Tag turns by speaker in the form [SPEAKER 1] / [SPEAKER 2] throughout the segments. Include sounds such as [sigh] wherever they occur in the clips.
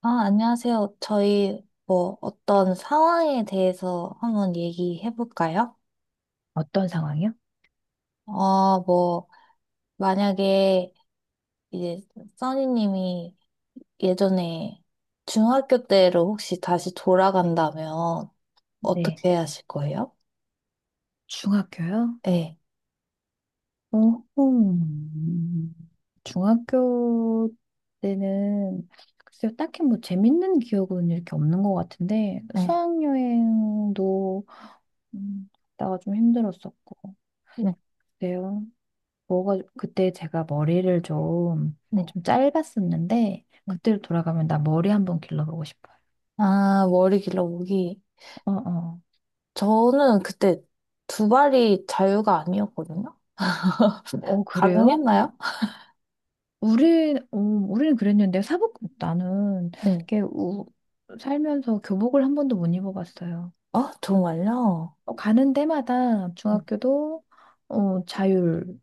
[SPEAKER 1] 아, 안녕하세요. 저희 뭐 어떤 상황에 대해서 한번 얘기해 볼까요?
[SPEAKER 2] 어떤 상황이요?
[SPEAKER 1] 뭐 만약에 이제 써니님이 예전에 중학교 때로 혹시 다시 돌아간다면
[SPEAKER 2] 네.
[SPEAKER 1] 어떻게 하실 거예요?
[SPEAKER 2] 중학교요?
[SPEAKER 1] 네,
[SPEAKER 2] 오호. 중학교 때는 글쎄요, 딱히 뭐 재밌는 기억은 이렇게 없는 것 같은데
[SPEAKER 1] 네,
[SPEAKER 2] 수학여행도 음, 갔다가 좀 힘들었었고
[SPEAKER 1] 네,
[SPEAKER 2] 그래요. 뭐가 그때 제가 머리를 좀
[SPEAKER 1] 네.
[SPEAKER 2] 좀 짧았었는데
[SPEAKER 1] 네.
[SPEAKER 2] 그때로 돌아가면 나 머리 한번 길러보고 싶어요.
[SPEAKER 1] 아, 머리 길러보기.
[SPEAKER 2] 어 어.
[SPEAKER 1] 저는 그때 두 발이 자유가 아니었거든요. [laughs]
[SPEAKER 2] 어 그래요?
[SPEAKER 1] 가능했나요?
[SPEAKER 2] 우리는 그랬는데, 사복, 나는,
[SPEAKER 1] 네.
[SPEAKER 2] 이렇게, 살면서 교복을 한 번도 못 입어봤어요.
[SPEAKER 1] 아, 정말요?
[SPEAKER 2] 가는 데마다
[SPEAKER 1] 음,
[SPEAKER 2] 중학교도, 어, 자율,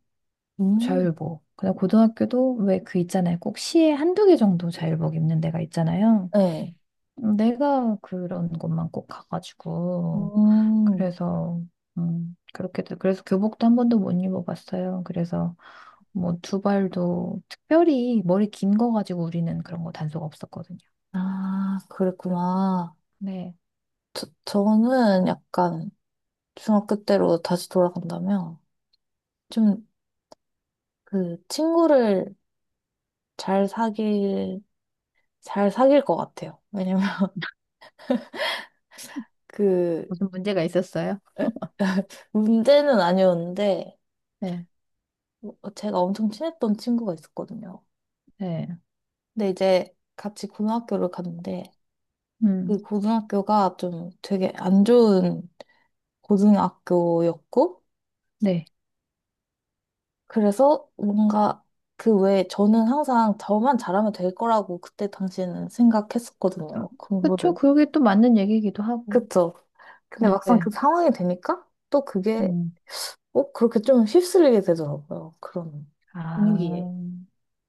[SPEAKER 1] 음.
[SPEAKER 2] 자율복. 그다음 고등학교도 왜 그 있잖아요. 꼭 시에 한두 개 정도 자율복 입는 데가 있잖아요.
[SPEAKER 1] 네.
[SPEAKER 2] 내가 그런 곳만 꼭 가가지고.
[SPEAKER 1] 음,
[SPEAKER 2] 그래서, 그래서 교복도 한 번도 못 입어봤어요. 그래서, 뭐 두발도 특별히 머리 긴 거 가지고 우리는 그런 거 단속 없었거든요.
[SPEAKER 1] 아, 그랬구나.
[SPEAKER 2] 네.
[SPEAKER 1] 저는 약간 중학교 때로 다시 돌아간다면 좀 그 친구를 잘 사귈, 잘 사귈 것 같아요. 왜냐면 [laughs] 그
[SPEAKER 2] 무슨 문제가 있었어요?
[SPEAKER 1] [laughs] 문제는 아니었는데
[SPEAKER 2] 네.
[SPEAKER 1] 뭐 제가 엄청 친했던 친구가 있었거든요.
[SPEAKER 2] 네.
[SPEAKER 1] 근데 이제 같이 고등학교를 갔는데
[SPEAKER 2] 음.
[SPEAKER 1] 그 고등학교가 좀 되게 안 좋은 고등학교였고
[SPEAKER 2] 네.
[SPEAKER 1] 그래서 뭔가 그 외에 저는 항상 저만 잘하면 될 거라고 그때 당시에는
[SPEAKER 2] 음,
[SPEAKER 1] 생각했었거든요.
[SPEAKER 2] 그쵸.
[SPEAKER 1] 공부를.
[SPEAKER 2] 그게 또 맞는 얘기이기도 하고.
[SPEAKER 1] 그쵸? 근데 막상 그
[SPEAKER 2] 네.
[SPEAKER 1] 상황이 되니까 또 그게
[SPEAKER 2] 음.
[SPEAKER 1] 꼭 그렇게 좀 휩쓸리게 되더라고요. 그런
[SPEAKER 2] 아.
[SPEAKER 1] 분위기에.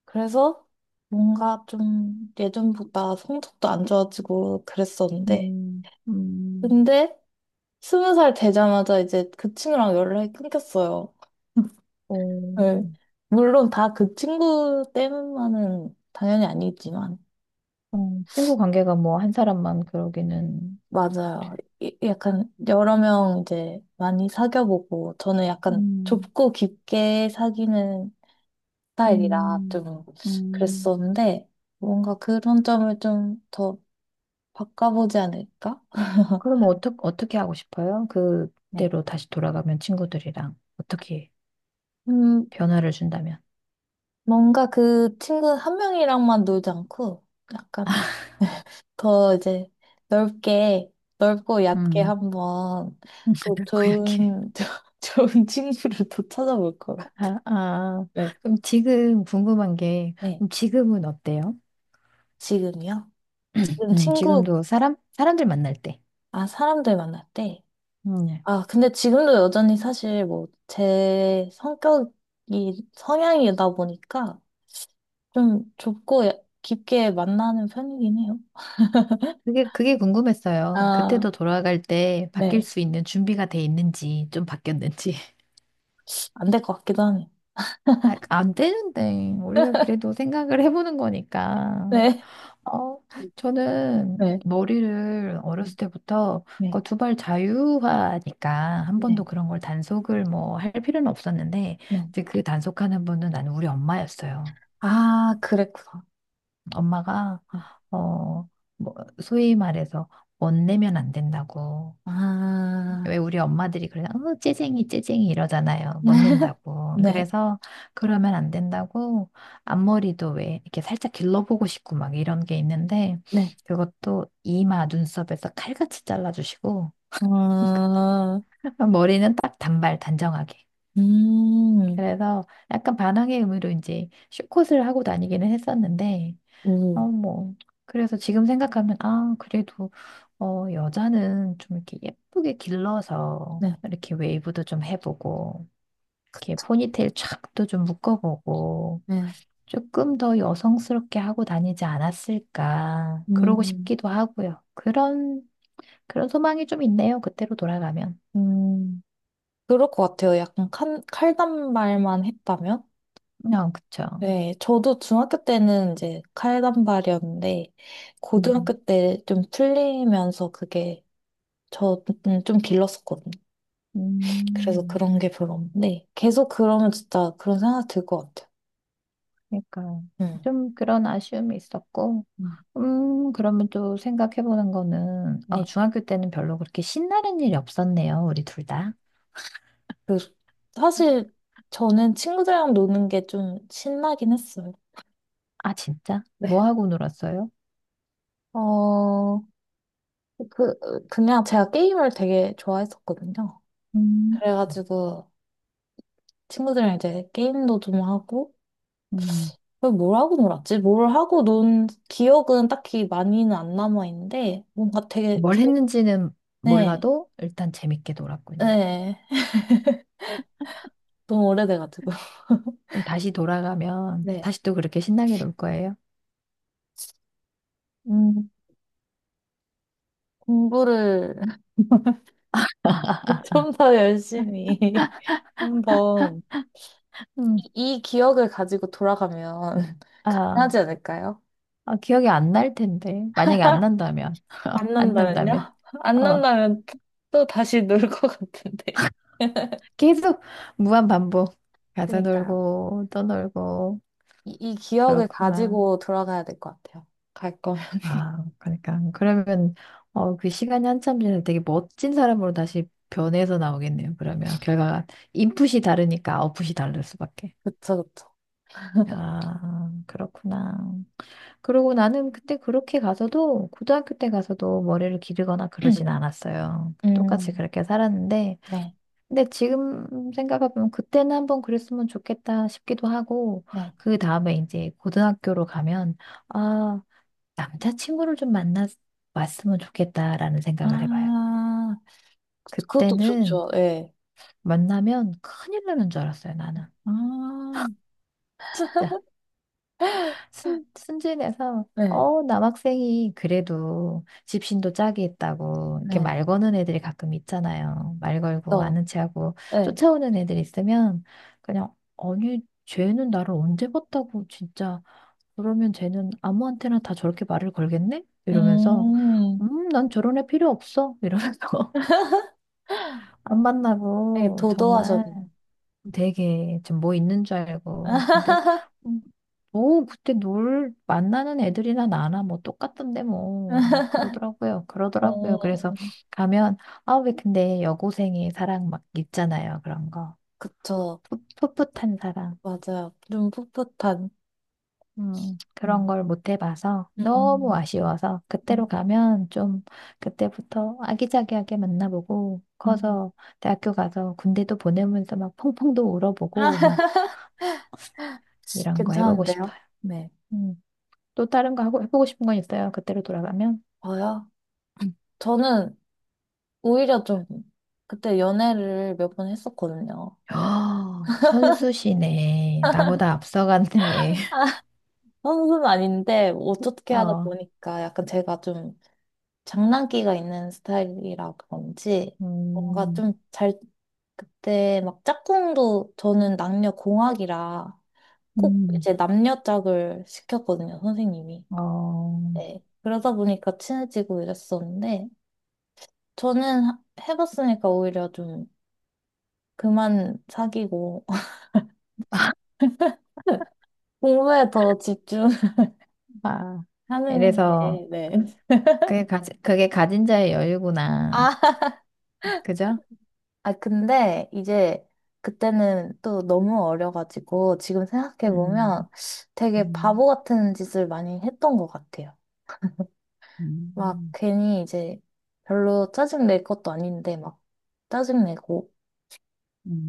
[SPEAKER 1] 그래서 뭔가 좀 예전보다 성적도 안 좋아지고 그랬었는데
[SPEAKER 2] 음. 음.
[SPEAKER 1] 근데 20살 되자마자 이제 그 친구랑 연락이 끊겼어요.
[SPEAKER 2] 어.
[SPEAKER 1] 네. 물론 다 그 친구 때문만은 당연히 아니겠지만,
[SPEAKER 2] 어. 친구 관계가 뭐 한 사람만 그러기는
[SPEAKER 1] 맞아요. 약간 여러 명 이제 많이 사귀어보고, 저는 약간
[SPEAKER 2] 음.
[SPEAKER 1] 좁고 깊게 사귀는 스타일이라
[SPEAKER 2] 음.
[SPEAKER 1] 좀
[SPEAKER 2] 음.
[SPEAKER 1] 그랬었는데, 뭔가 그런 점을 좀 더 바꿔보지 않을까?
[SPEAKER 2] 그럼 어떻게 하고 싶어요?
[SPEAKER 1] 네.
[SPEAKER 2] 그때로 다시 돌아가면 친구들이랑 어떻게
[SPEAKER 1] 음,
[SPEAKER 2] 변화를 준다면?
[SPEAKER 1] 뭔가 그 친구 한 명이랑만 놀지 않고, 약간 더 이제 넓게, 넓고 얕게
[SPEAKER 2] 음
[SPEAKER 1] 한번 또
[SPEAKER 2] 그렇고 약해.
[SPEAKER 1] [laughs] 좋은 친구를 또 찾아볼 거예요.
[SPEAKER 2] 아, 아,
[SPEAKER 1] 네.
[SPEAKER 2] 그럼 지금 궁금한 게,
[SPEAKER 1] 네,
[SPEAKER 2] 그럼 지금은 어때요?
[SPEAKER 1] 지금이요?
[SPEAKER 2] [clears throat]
[SPEAKER 1] 지금 친구,
[SPEAKER 2] 지금도 사람들 만날 때.
[SPEAKER 1] 아, 사람들 만날 때?
[SPEAKER 2] 예.
[SPEAKER 1] 아, 근데 지금도 여전히 사실 뭐, 성향이다 보니까 좀 좁고 깊게 만나는 편이긴 해요.
[SPEAKER 2] 그게 궁금했어요.
[SPEAKER 1] 아,
[SPEAKER 2] 그때도 돌아갈 때 바뀔
[SPEAKER 1] 네.
[SPEAKER 2] 수 있는 준비가 돼 있는지, 좀 바뀌었는지. [laughs]
[SPEAKER 1] 안 될 것 같기도 하네요.
[SPEAKER 2] 아, 안 되는데. 우리가 그래도 생각을 해보는 거니까.
[SPEAKER 1] 네.
[SPEAKER 2] 어, 저는
[SPEAKER 1] 네.
[SPEAKER 2] 머리를
[SPEAKER 1] 네,
[SPEAKER 2] 어렸을 때부터
[SPEAKER 1] 네,
[SPEAKER 2] 그 두발 자유화니까 한 번도
[SPEAKER 1] 네.
[SPEAKER 2] 그런 걸 단속을 뭐 할 필요는 없었는데
[SPEAKER 1] 네.
[SPEAKER 2] 이제 그 단속하는 분은 나는 우리 엄마였어요.
[SPEAKER 1] 아, 그랬구나.
[SPEAKER 2] 엄마가
[SPEAKER 1] 네.
[SPEAKER 2] 어, 뭐 소위 말해서 못 내면 안 된다고
[SPEAKER 1] 아,
[SPEAKER 2] 왜 우리 엄마들이 그래, 째쟁이, 째쟁이 이러잖아요. 못
[SPEAKER 1] [laughs]
[SPEAKER 2] 낸다고.
[SPEAKER 1] 네,
[SPEAKER 2] 그래서 그러면 안 된다고 앞머리도 왜 이렇게 살짝 길러보고 싶고 막 이런 게 있는데
[SPEAKER 1] 네.
[SPEAKER 2] 그것도 이마, 눈썹에서 칼같이 잘라주시고
[SPEAKER 1] 어,
[SPEAKER 2] [laughs] 머리는 딱 단발, 단정하게.
[SPEAKER 1] 음,
[SPEAKER 2] 그래서 약간 반항의 의미로 이제 숏컷을 하고 다니기는 했었는데,
[SPEAKER 1] 음,
[SPEAKER 2] 뭐. 그래서 지금 생각하면, 아, 그래도 여자는 좀 이렇게 예쁘게 길러서
[SPEAKER 1] 네,
[SPEAKER 2] 이렇게 웨이브도 좀 해보고 이렇게
[SPEAKER 1] 그쵸.
[SPEAKER 2] 포니테일 촥도 좀 묶어보고
[SPEAKER 1] 네,
[SPEAKER 2] 조금 더 여성스럽게 하고 다니지 않았을까. 그러고
[SPEAKER 1] 음,
[SPEAKER 2] 싶기도 하고요. 그런 소망이 좀 있네요. 그때로 돌아가면.
[SPEAKER 1] 음. 그럴 것 같아요. 약간 칼단발만 했다면?
[SPEAKER 2] 어, 그쵸.
[SPEAKER 1] 네, 저도 중학교 때는 이제 칼단발이었는데,
[SPEAKER 2] 음,
[SPEAKER 1] 고등학교 때 좀 풀리면서 그게 저는 좀 길렀었거든요. 그래서
[SPEAKER 2] 음,
[SPEAKER 1] 그런 게 별로 없는데, 계속 그러면 진짜 그런 생각 들 것 같아요.
[SPEAKER 2] 그러니까
[SPEAKER 1] 음,
[SPEAKER 2] 좀 그런 아쉬움이 있었고.
[SPEAKER 1] 음,
[SPEAKER 2] 그러면 또 생각해보는 거는,
[SPEAKER 1] 네.
[SPEAKER 2] 중학교 때는 별로 그렇게 신나는 일이 없었네요. 우리 둘 다.
[SPEAKER 1] 그, 사실 저는 친구들이랑 노는 게 좀 신나긴 했어요.
[SPEAKER 2] 아, 진짜?
[SPEAKER 1] 네.
[SPEAKER 2] 뭐 하고 놀았어요?
[SPEAKER 1] 어, 그, 그냥 제가 게임을 되게 좋아했었거든요.
[SPEAKER 2] 음,
[SPEAKER 1] 그래가지고 친구들이랑 이제 게임도 좀 하고,
[SPEAKER 2] 음.
[SPEAKER 1] 그럼 뭘 하고 놀았지? 뭘 하고 논 기억은 딱히 많이는 안 남아있는데, 뭔가 되게,
[SPEAKER 2] 뭘
[SPEAKER 1] 재-
[SPEAKER 2] 했는지는
[SPEAKER 1] 네,
[SPEAKER 2] 몰라도 일단 재밌게 놀았군요.
[SPEAKER 1] 네. 너무 오래돼가지고. [laughs]
[SPEAKER 2] 그럼 다시 돌아가면
[SPEAKER 1] 네.
[SPEAKER 2] 다시 또 그렇게 신나게 놀 거예요?
[SPEAKER 1] 음, 공부를 [laughs] 좀 더 열심히 [laughs] 한번
[SPEAKER 2] 음,
[SPEAKER 1] 이 기억을 가지고 돌아가면 [laughs]
[SPEAKER 2] 아,
[SPEAKER 1] 가능하지 않을까요?
[SPEAKER 2] 아, 기억이 안 날 텐데. 만약에 안 난다면,
[SPEAKER 1] 안
[SPEAKER 2] 안 난다면,
[SPEAKER 1] 난다면요? [laughs] 안
[SPEAKER 2] 어,
[SPEAKER 1] 난다면 또 다시 놀 것 같은데. [laughs]
[SPEAKER 2] 계속 무한 반복. 가서
[SPEAKER 1] 그니까요.
[SPEAKER 2] 놀고, 또 놀고,
[SPEAKER 1] 이 기억을
[SPEAKER 2] 그렇구나.
[SPEAKER 1] 가지고 돌아가야 될 것 같아요. 갈 거면. [laughs]
[SPEAKER 2] 아, 그러니까. 그러면, 그 시간이 한참 지나서 되게 멋진 사람으로 다시 변해서 나오겠네요. 그러면 결과가 인풋이 다르니까 아웃풋이 다를 수밖에.
[SPEAKER 1] 그쵸, 그쵸.
[SPEAKER 2] 아, 그렇구나. 그리고 나는 그때 그렇게 가서도 고등학교 때 가서도 머리를 기르거나 그러진
[SPEAKER 1] [clears throat]
[SPEAKER 2] 않았어요. 똑같이
[SPEAKER 1] 음,
[SPEAKER 2] 그렇게 살았는데
[SPEAKER 1] 네,
[SPEAKER 2] 근데 지금 생각해보면 그때는 한번 그랬으면 좋겠다 싶기도 하고
[SPEAKER 1] 네.
[SPEAKER 2] 그 다음에 이제 고등학교로 가면 아 남자친구를 좀 만나 왔으면 좋겠다라는 생각을 해봐요.
[SPEAKER 1] 아, 그것도
[SPEAKER 2] 그때는
[SPEAKER 1] 좋죠. 예.
[SPEAKER 2] 만나면 큰일 나는 줄 알았어요, 나는.
[SPEAKER 1] 아,
[SPEAKER 2] 진짜. 순진해서
[SPEAKER 1] 네.
[SPEAKER 2] 남학생이 그래도 집신도 짝이 있다고 이렇게
[SPEAKER 1] 네.
[SPEAKER 2] 말 거는 애들이 가끔 있잖아요. 말 걸고
[SPEAKER 1] 또,
[SPEAKER 2] 아는 체하고
[SPEAKER 1] 네.
[SPEAKER 2] 쫓아오는 애들 있으면 그냥 아니 쟤는 나를 언제 봤다고 진짜 그러면 쟤는 아무한테나 다 저렇게 말을 걸겠네? 이러면서
[SPEAKER 1] 음,
[SPEAKER 2] 난 저런 애 필요 없어 이러면서 [laughs] 안
[SPEAKER 1] 되게
[SPEAKER 2] 만나고 정말
[SPEAKER 1] 도도하셨네요.
[SPEAKER 2] 되게 좀 뭐 있는 줄 알고. 근데
[SPEAKER 1] [laughs]
[SPEAKER 2] 음, 뭐 그때 놀 만나는 애들이나 나나 뭐 똑같던데 뭐 그러더라고요. 그러더라고요.
[SPEAKER 1] 어,
[SPEAKER 2] 그래서 가면 아 왜 근데 여고생의 사랑 막 있잖아요. 그런 거.
[SPEAKER 1] 그쵸.
[SPEAKER 2] 풋풋한 사랑.
[SPEAKER 1] 맞아요. 좀 풋풋한.
[SPEAKER 2] 그런
[SPEAKER 1] 음.
[SPEAKER 2] 걸 못 해봐서 너무
[SPEAKER 1] 음,
[SPEAKER 2] 아쉬워서 그때로
[SPEAKER 1] 음,
[SPEAKER 2] 가면 좀 그때부터 아기자기하게 만나보고
[SPEAKER 1] 음.
[SPEAKER 2] 커서 대학교 가서 군대도 보내면서 막 펑펑도
[SPEAKER 1] 아,
[SPEAKER 2] 울어보고 막
[SPEAKER 1] [laughs]
[SPEAKER 2] 이런 거 해보고
[SPEAKER 1] 괜찮은데요?
[SPEAKER 2] 싶어요.
[SPEAKER 1] 네.
[SPEAKER 2] 음. 또 다른 거 하고 해보고 싶은 건 있어요? 그때로 돌아가면?
[SPEAKER 1] 저요? 저는 오히려 좀 그때 연애를 몇 번 했었거든요.
[SPEAKER 2] 아, 선수시네. 나보다 앞서갔네.
[SPEAKER 1] 선수는 아닌데 뭐
[SPEAKER 2] [laughs]
[SPEAKER 1] 어떻게 하다
[SPEAKER 2] 어,
[SPEAKER 1] 보니까 약간 제가 좀 장난기가 있는 스타일이라 그런지 뭔가
[SPEAKER 2] 음,
[SPEAKER 1] 좀 잘 그때 막 짝꿍도 저는 남녀 공학이라 꼭
[SPEAKER 2] 음.
[SPEAKER 1] 이제 남녀 짝을 시켰거든요, 선생님이.
[SPEAKER 2] 어,
[SPEAKER 1] 네. 그러다 보니까 친해지고 이랬었는데, 저는 해봤으니까 오히려 좀 그만 사귀고, [laughs] 공부에 더 집중하는
[SPEAKER 2] 아, 이래서
[SPEAKER 1] 게, 네.
[SPEAKER 2] 그게 가진 자의 여유구나.
[SPEAKER 1] 아,
[SPEAKER 2] 그죠?
[SPEAKER 1] 아, 근데 이제 그때는 또 너무 어려가지고, 지금 생각해보면
[SPEAKER 2] 음,
[SPEAKER 1] 되게
[SPEAKER 2] 음,
[SPEAKER 1] 바보 같은 짓을 많이 했던 것 같아요. 막
[SPEAKER 2] 음.
[SPEAKER 1] 괜히 이제 별로 짜증 낼 것도 아닌데, 막 짜증내고,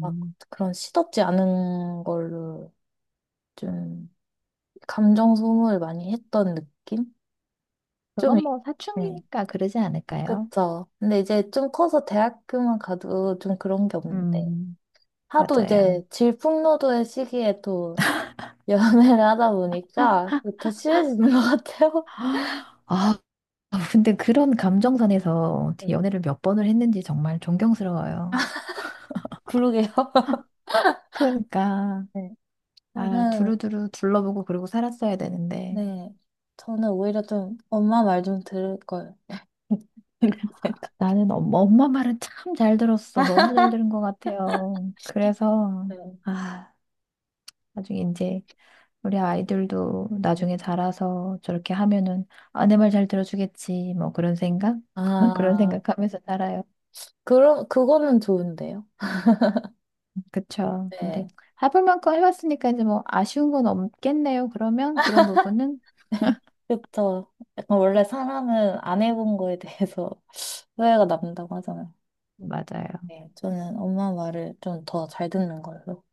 [SPEAKER 1] 막 그런 시덥지 않은 걸로 좀 감정 소모를 많이 했던 느낌? 좀,
[SPEAKER 2] 그건
[SPEAKER 1] 이-
[SPEAKER 2] 뭐
[SPEAKER 1] 네.
[SPEAKER 2] 사춘기니까 그러지 않을까요?
[SPEAKER 1] 그쵸. 근데 이제 좀 커서 대학교만 가도 좀 그런 게 없는데.
[SPEAKER 2] 음,
[SPEAKER 1] 하도
[SPEAKER 2] 맞아요.
[SPEAKER 1] 이제 질풍노도의 시기에 또 [laughs] 연애를 하다 보니까 그게 더 심해지는 것 같아요.
[SPEAKER 2] [gasps] 아, 근데 그런 감정선에서
[SPEAKER 1] 음,
[SPEAKER 2] 연애를 몇 번을 했는지 정말 존경스러워요.
[SPEAKER 1] 그러게요. [laughs]
[SPEAKER 2] 그러니까
[SPEAKER 1] 네.
[SPEAKER 2] 아
[SPEAKER 1] 저는,
[SPEAKER 2] 두루두루 둘러보고 그러고 살았어야 되는데
[SPEAKER 1] 네. 저는 오히려 좀 엄마 말 좀 들을 걸. [laughs] 이런 생각.
[SPEAKER 2] 나는 엄마 말은 참 잘 들었어. 너무 잘 들은 것 같아요. 그래서
[SPEAKER 1] 네.
[SPEAKER 2] 아 나중에 이제 우리 아이들도 나중에 자라서 저렇게 하면은 아내 말 잘 들어주겠지 뭐 그런 생각 [laughs] 그런
[SPEAKER 1] 아,
[SPEAKER 2] 생각하면서 살아요.
[SPEAKER 1] 그럼, 그거는 좋은데요.
[SPEAKER 2] 그쵸? 근데
[SPEAKER 1] 네.
[SPEAKER 2] 해볼 만큼 해봤으니까 이제 뭐 아쉬운 건 없겠네요. 그러면 그런 부분은
[SPEAKER 1] 그쵸. 약간 원래 사람은 안 해본 거에 대해서 [laughs] 후회가 남는다고 하잖아요.
[SPEAKER 2] 맞아요.
[SPEAKER 1] 네, 저는 엄마 말을 좀 더 잘 듣는 걸로.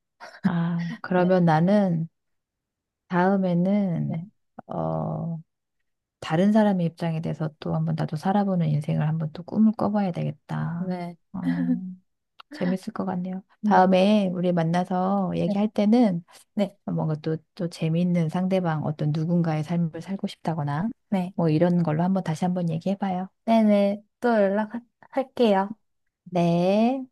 [SPEAKER 2] 아
[SPEAKER 1] 네,
[SPEAKER 2] 그러면 나는
[SPEAKER 1] 네,
[SPEAKER 2] 다음에는 어. 다른 사람의 입장에 대해서 또 한번 나도 살아보는 인생을 한번 또 꿈을 꿔봐야 되겠다.
[SPEAKER 1] 네,
[SPEAKER 2] 어, 재밌을 것 같네요.
[SPEAKER 1] 네.
[SPEAKER 2] 다음에 우리 만나서
[SPEAKER 1] 네,
[SPEAKER 2] 얘기할 때는
[SPEAKER 1] 네, 네, 네,
[SPEAKER 2] 뭔가 또, 또 재미있는 상대방 어떤 누군가의 삶을 살고 싶다거나
[SPEAKER 1] 네. 네.
[SPEAKER 2] 뭐 이런 걸로 한번 다시 한번 얘기해봐요.
[SPEAKER 1] 네, 네. 네, 네. 네, 네. 또 연락할게요.
[SPEAKER 2] 네.